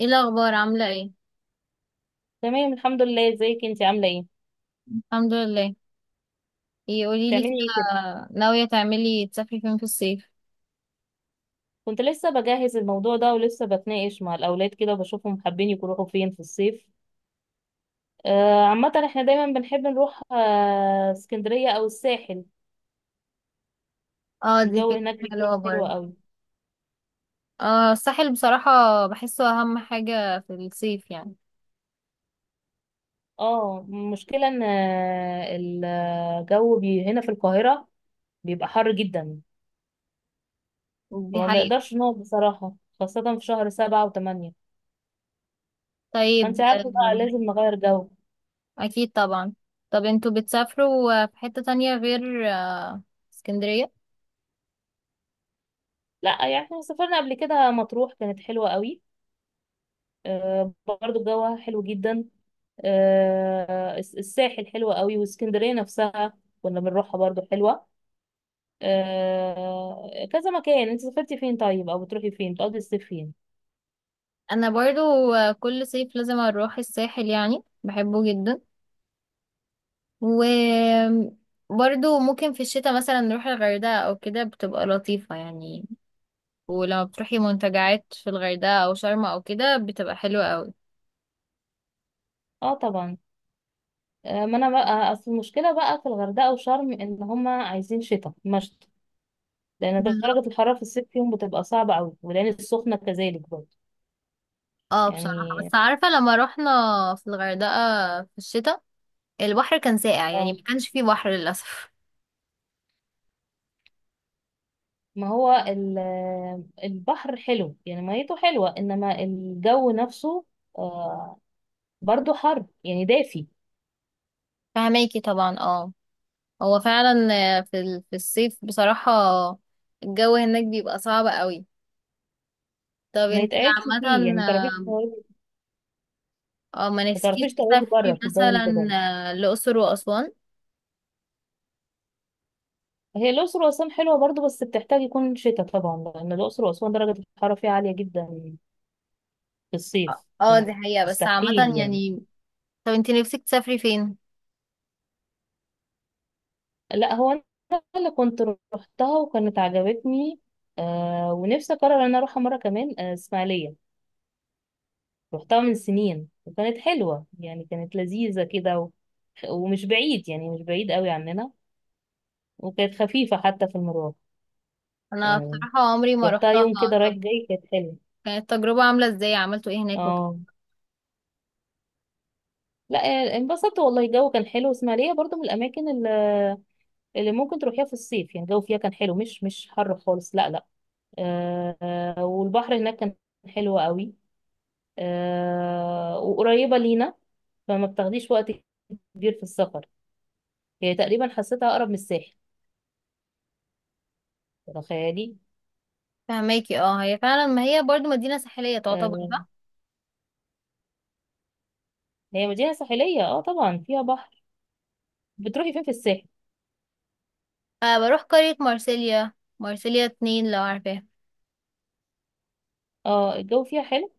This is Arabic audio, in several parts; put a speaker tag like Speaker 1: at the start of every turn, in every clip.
Speaker 1: ايه الاخبار عامله ايه؟
Speaker 2: تمام، الحمد لله. ازيك انت، عامله ايه؟
Speaker 1: الحمد لله. ايه قولي لي
Speaker 2: بتعملي
Speaker 1: كده،
Speaker 2: ايه كده؟
Speaker 1: ناويه تعملي تسافري فين في الصيف؟
Speaker 2: كنت لسه بجهز الموضوع ده ولسه بتناقش مع الاولاد كده وبشوفهم حابين يروحوا فين في الصيف. عامه احنا دايما بنحب نروح اسكندريه او الساحل.
Speaker 1: اه دي
Speaker 2: الجو هناك
Speaker 1: فكره
Speaker 2: بيكون
Speaker 1: حلوه
Speaker 2: حلو
Speaker 1: برضه.
Speaker 2: قوي.
Speaker 1: اه الساحل بصراحه، بحسه اهم حاجه في الصيف يعني.
Speaker 2: اه، المشكله ان الجو هنا في القاهره بيبقى حر جدا،
Speaker 1: دي
Speaker 2: فما
Speaker 1: حقيقه.
Speaker 2: بنقدرش نقعد بصراحه، خاصه في شهر 7 و8.
Speaker 1: طيب
Speaker 2: فانت عارفه بقى لازم نغير جو.
Speaker 1: اكيد طبعا. طب انتوا بتسافروا في حته تانية غير اسكندريه؟
Speaker 2: لا يعني احنا سافرنا قبل كده مطروح، كانت حلوه قوي. برضو جوها حلو جدا. الساحل حلوة قوي، واسكندرية نفسها كنا بنروحها برضو حلوة. كذا مكان. انت سافرتي فين طيب؟ او بتروحي فين؟ بتقضي الصيف فين؟
Speaker 1: انا برضو، كل صيف لازم اروح الساحل يعني بحبه جدا. و برضو ممكن في الشتاء مثلا نروح الغردقة او كده بتبقى لطيفة يعني. ولما بتروحي منتجعات في الغردقة أو شرم أو كده بتبقى حلوة قوي.
Speaker 2: اه طبعا. ما انا بقى اصل المشكلة بقى في الغردقة وشرم ان هما عايزين شتاء مشط، لان
Speaker 1: بالظبط.
Speaker 2: درجة الحرارة في الصيف فيهم بتبقى صعبة قوي، والعين السخنة كذلك برضو.
Speaker 1: اه بصراحة
Speaker 2: يعني
Speaker 1: بس عارفة لما رحنا في الغردقة في الشتاء، البحر كان ساقع يعني
Speaker 2: اه،
Speaker 1: ما كانش فيه بحر للأسف.
Speaker 2: ما هو ال- البحر حلو، يعني ميته حلوة، إنما الجو نفسه آه، برضو حر يعني، دافي.
Speaker 1: فهماكي طبعا اه، هو فعلا في الصيف بصراحة، الجو هناك بيبقى صعب قوي. طب
Speaker 2: ما
Speaker 1: انتي
Speaker 2: يتقعدش
Speaker 1: عامة
Speaker 2: فيه، يعني
Speaker 1: اه، ما
Speaker 2: ما
Speaker 1: نفسكيش
Speaker 2: تعرفيش تقعدي بره
Speaker 1: تسافري
Speaker 2: في الجو اللي
Speaker 1: مثلا
Speaker 2: بره.
Speaker 1: الأقصر وأسوان؟
Speaker 2: هي الأقصر وأسوان حلوة برضو، بس بتحتاج يكون شتاء طبعا، لأن الأقصر وأسوان درجة الحرارة فيها عالية جدا في
Speaker 1: اه
Speaker 2: الصيف.
Speaker 1: دي حقيقة بس
Speaker 2: مستحيل
Speaker 1: عامة
Speaker 2: يعني.
Speaker 1: يعني. طب انتي نفسك تسافري فين؟
Speaker 2: لا، هو أنا اللي كنت روحتها وكانت عجبتني، آه، ونفسي أقرر إن أنا أروحها مرة كمان. آه إسماعيلية، رحتها من سنين وكانت حلوة، يعني كانت لذيذة كده، و... ومش بعيد، يعني مش بعيد قوي عننا، وكانت خفيفة حتى في المرور،
Speaker 1: انا
Speaker 2: يعني
Speaker 1: بصراحة عمري ما
Speaker 2: رحتها
Speaker 1: رحتها.
Speaker 2: يوم كده
Speaker 1: طب
Speaker 2: رايح جاي، كانت حلوة.
Speaker 1: كانت التجربة عاملة ازاي، عملتوا ايه هناك وكده؟
Speaker 2: اه لا، انبسطت والله. الجو كان حلو، اسماعيلية برضو من الأماكن اللي ممكن تروحيها في الصيف، يعني الجو فيها كان حلو، مش حر خالص، لا لا. والبحر هناك كان حلو قوي، آه، وقريبة لينا، فما بتاخديش وقت كبير في السفر. هي تقريبا حسيتها أقرب من الساحل، تخيلي.
Speaker 1: فهماكي اه، هي فعلا ما هي برضو مدينة ساحلية تعتبر
Speaker 2: آه،
Speaker 1: صح؟
Speaker 2: هي مدينة ساحلية، اه طبعا فيها بحر. بتروحي فين في الساحل؟
Speaker 1: أه بروح قرية مارسيليا، مارسيليا اتنين لو عارفاها.
Speaker 2: اه الجو فيها حلو.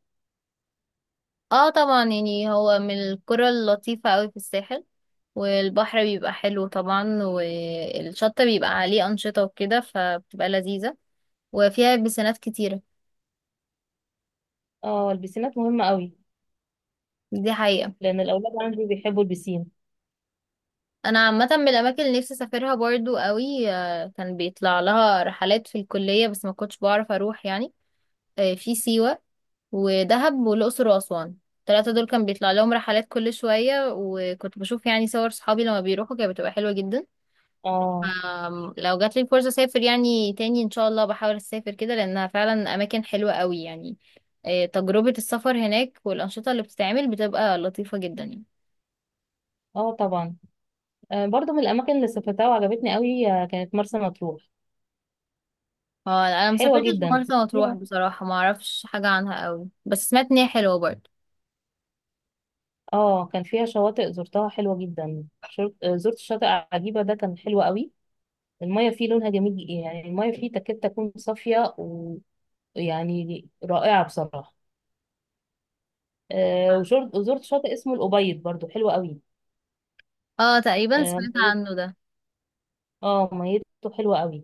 Speaker 1: اه طبعا، يعني هو من القرى اللطيفة قوي في الساحل، والبحر بيبقى حلو طبعا والشط بيبقى عليه أنشطة وكده فبتبقى لذيذة، وفيها بسنات كتيرة.
Speaker 2: اه البسينات مهمة قوي
Speaker 1: دي حقيقة.
Speaker 2: لأن الأولاد عندي بيحبوا البسين.
Speaker 1: انا عامة من الاماكن اللي نفسي اسافرها برضو قوي، كان بيطلع لها رحلات في الكلية بس ما كنتش بعرف اروح يعني، في سيوة ودهب والأقصر وأسوان. الثلاثة دول كان بيطلع لهم رحلات كل شوية وكنت بشوف يعني صور صحابي لما بيروحوا كانت بتبقى حلوة جدا.
Speaker 2: اه
Speaker 1: لو جات لي الفرصة أسافر يعني تاني إن شاء الله بحاول أسافر كده لأنها فعلا أماكن حلوة قوي يعني. تجربة السفر هناك والأنشطة اللي بتتعمل بتبقى لطيفة جدا يعني.
Speaker 2: اه طبعا. برضو من الأماكن اللي سافرتها وعجبتني قوي، كانت مرسى مطروح.
Speaker 1: أنا
Speaker 2: حلوة
Speaker 1: مسافرتش
Speaker 2: جدا،
Speaker 1: مرسى مطروح
Speaker 2: فيها
Speaker 1: بصراحة، معرفش حاجة عنها قوي بس سمعت إن هي حلوة برضه.
Speaker 2: اه كان فيها شواطئ زرتها حلوة جدا، زرت شاطئ عجيبة، ده كان حلو قوي. المية فيه لونها جميل، يعني المية فيه تكاد تكون صافية، ويعني رائعة بصراحة. وزرت شاطئ اسمه الأبيض، برضو حلو
Speaker 1: اه تقريبا سمعت
Speaker 2: قوي.
Speaker 1: عنه ده.
Speaker 2: اه ميته حلوه قوي.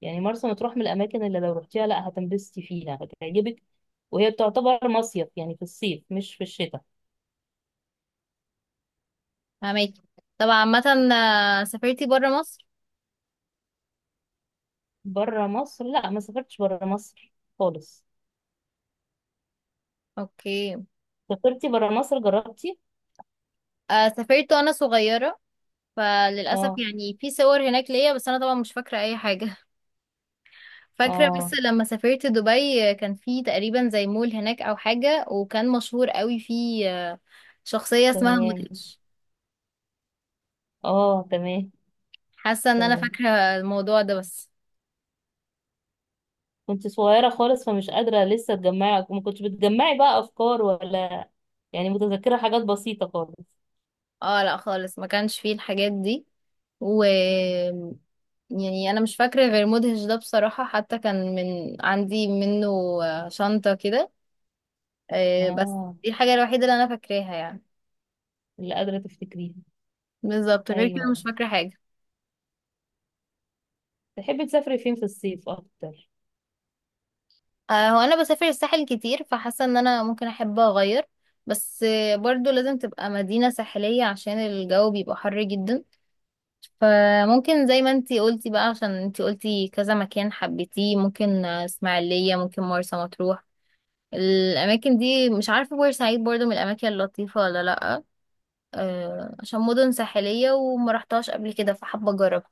Speaker 2: يعني مرسى مطروح من الاماكن اللي لو رحتيها، لا هتنبسطي فيها، هتعجبك. وهي بتعتبر مصيف، يعني في الصيف مش في الشتاء.
Speaker 1: فهماكي. طب عامة سافرتي برا مصر؟
Speaker 2: بره مصر؟ لا، ما سافرتش بره مصر خالص.
Speaker 1: اوكي.
Speaker 2: سافرتي بره مصر؟ جربتي؟
Speaker 1: آه سافرت وانا صغيرة، فللأسف
Speaker 2: اه
Speaker 1: يعني في صور هناك ليا بس انا طبعا مش فاكرة اي حاجة. فاكرة بس
Speaker 2: اه،
Speaker 1: لما سافرت دبي، كان في تقريبا زي مول هناك او حاجة وكان مشهور قوي في، آه، شخصية اسمها
Speaker 2: تمام.
Speaker 1: مودريتش.
Speaker 2: اه تمام.
Speaker 1: حاسة ان انا
Speaker 2: تمام.
Speaker 1: فاكرة الموضوع ده بس.
Speaker 2: كنت صغيره خالص، فمش قادره لسه تجمعي، ما كنتش بتجمعي بقى افكار ولا، يعني متذكره حاجات بسيطه خالص.
Speaker 1: اه لا خالص ما كانش فيه الحاجات دي. و يعني انا مش فاكرة غير مدهش ده بصراحة، حتى كان من عندي منه شنطة كده. بس
Speaker 2: اه.
Speaker 1: دي الحاجة الوحيدة اللي انا فاكراها يعني.
Speaker 2: اللي قادره تفتكريها.
Speaker 1: بالظبط غير كده مش
Speaker 2: ايوه.
Speaker 1: فاكرة حاجة.
Speaker 2: تحبي تسافري فين في الصيف اكتر؟
Speaker 1: هو أنا بسافر الساحل كتير فحاسة إن أنا ممكن أحب أغير، بس برضو لازم تبقى مدينة ساحلية عشان الجو بيبقى حر جدا. فممكن زي ما انتي قلتي بقى، عشان انتي قلتي كذا مكان حبيتيه، ممكن اسماعيلية، ممكن مرسى مطروح. الأماكن دي، مش عارفة بورسعيد برضو من الأماكن اللطيفة ولا لأ، عشان مدن ساحلية وما رحتهاش قبل كده فحابة أجربها.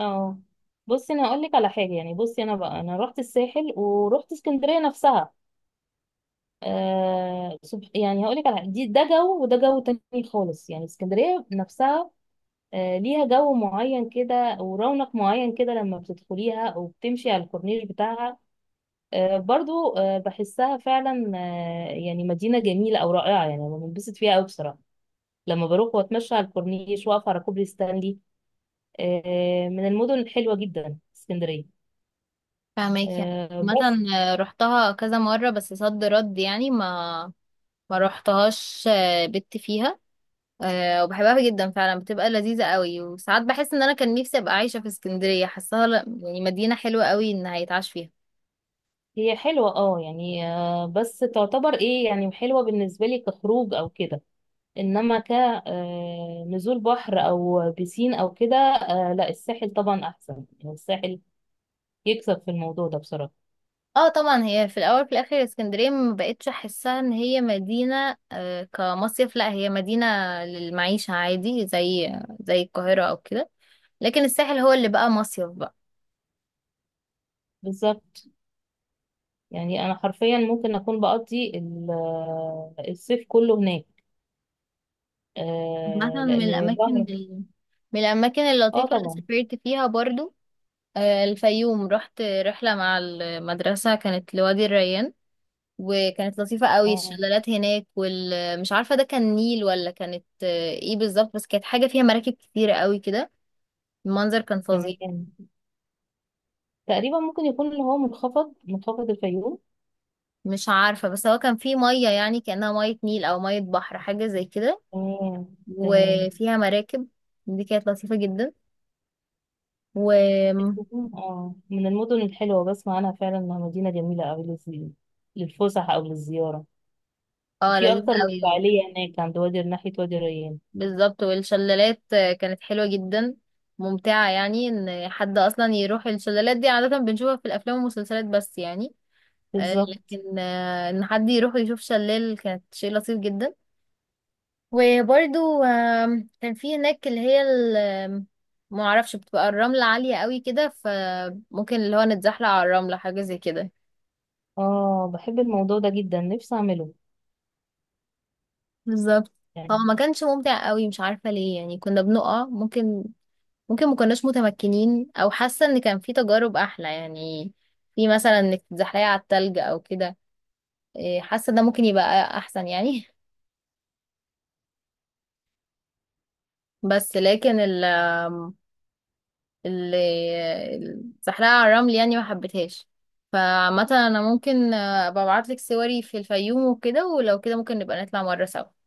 Speaker 2: اه، بصي انا هقول لك على حاجه، يعني بصي انا بقى، انا رحت الساحل ورحت اسكندريه نفسها. يعني هقول لك على حاجة. ده جو وده جو تاني خالص، يعني اسكندريه نفسها آه ليها جو معين كده ورونق معين كده، لما بتدخليها او بتمشي على الكورنيش بتاعها آه برضو آه بحسها فعلا، آه يعني مدينه جميله او رائعه. يعني أنا بنبسط فيها قوي بصراحه لما بروح واتمشى على الكورنيش، واقف على كوبري ستانلي. من المدن الحلوه جدا اسكندريه،
Speaker 1: فاهمك يعني. عامة
Speaker 2: بس.
Speaker 1: رحتها كذا مرة بس صد رد يعني ما روحتهاش، بت فيها، وبحبها جدا فعلا بتبقى لذيذة قوي، وساعات بحس ان انا كان نفسي ابقى عايشة في اسكندرية، حاساها لا- يعني مدينة حلوة قوي ان هيتعاش فيها.
Speaker 2: هي حلوة اه يعني، بس تعتبر ايه يعني، حلوة بالنسبة لي كخروج او كده. انما كنزول بحر او بيسين او كده، لا الساحل طبعا احسن. يعني الساحل يكسب في الموضوع ده بصراحة.
Speaker 1: اه طبعا، هي في الاول في الاخر اسكندرية ما بقتش احسها ان هي مدينة كمصيف، لا هي مدينة للمعيشة عادي زي القاهرة او كده، لكن الساحل هو اللي بقى مصيف بقى.
Speaker 2: بالظبط. يعني انا حرفيا ممكن اكون بقضي الصيف كله هناك،
Speaker 1: مثلا
Speaker 2: لان بحر.
Speaker 1: من الاماكن
Speaker 2: اه
Speaker 1: اللطيفة اللي
Speaker 2: طبعا.
Speaker 1: سافرت فيها برضو الفيوم. رحت رحلة مع المدرسة كانت لوادي الريان وكانت لطيفة قوي،
Speaker 2: اه
Speaker 1: الشلالات هناك، والمش عارفة ده كان نيل ولا كانت ايه بالظبط، بس كانت حاجة فيها مراكب كتيرة قوي كده، المنظر كان فظيع.
Speaker 2: تمام. تقريبا ممكن يكون اللي هو منخفض الفيوم.
Speaker 1: مش عارفة بس هو كان فيه مية يعني كأنها مية نيل أو مية بحر حاجة زي كده
Speaker 2: تمام. تمام.
Speaker 1: وفيها مراكب. دي كانت لطيفة جدا. و
Speaker 2: الفيوم اه من المدن الحلوة، بسمع عنها فعلا انها مدينة جميلة اوي للفسح او للزيارة.
Speaker 1: اه
Speaker 2: وفي
Speaker 1: لذيذة
Speaker 2: اكتر من
Speaker 1: قوي.
Speaker 2: فعالية هناك عند وادي، ناحية وادي ريان.
Speaker 1: بالظبط، والشلالات كانت حلوة جدا، ممتعة يعني ان حد اصلا يروح الشلالات، دي عادة بنشوفها في الافلام والمسلسلات بس يعني، آه،
Speaker 2: بالظبط.
Speaker 1: لكن آه، ان حد يروح يشوف شلال كانت شيء لطيف جدا. وبرده كان في هناك ما اعرفش بتبقى الرملة عالية قوي كده، فممكن اللي هو نتزحلق على الرملة حاجة زي كده.
Speaker 2: اه بحب الموضوع ده جدا، نفسي اعمله
Speaker 1: بالظبط. هو
Speaker 2: يعني.
Speaker 1: ما كانش ممتع قوي مش عارفة ليه، يعني كنا بنقع، ممكن ما كناش متمكنين او حاسه ان كان في تجارب احلى يعني، في مثلا انك تتزحلقي على التلج او كده، إيه، حاسه ده ممكن يبقى احسن يعني. بس لكن ال ال- الزحلقه على الرمل يعني ما حبيتهاش. فعامه انا ممكن ابقى ابعتلك صوري في الفيوم وكده، ولو كده ممكن نبقى نطلع مره سوا.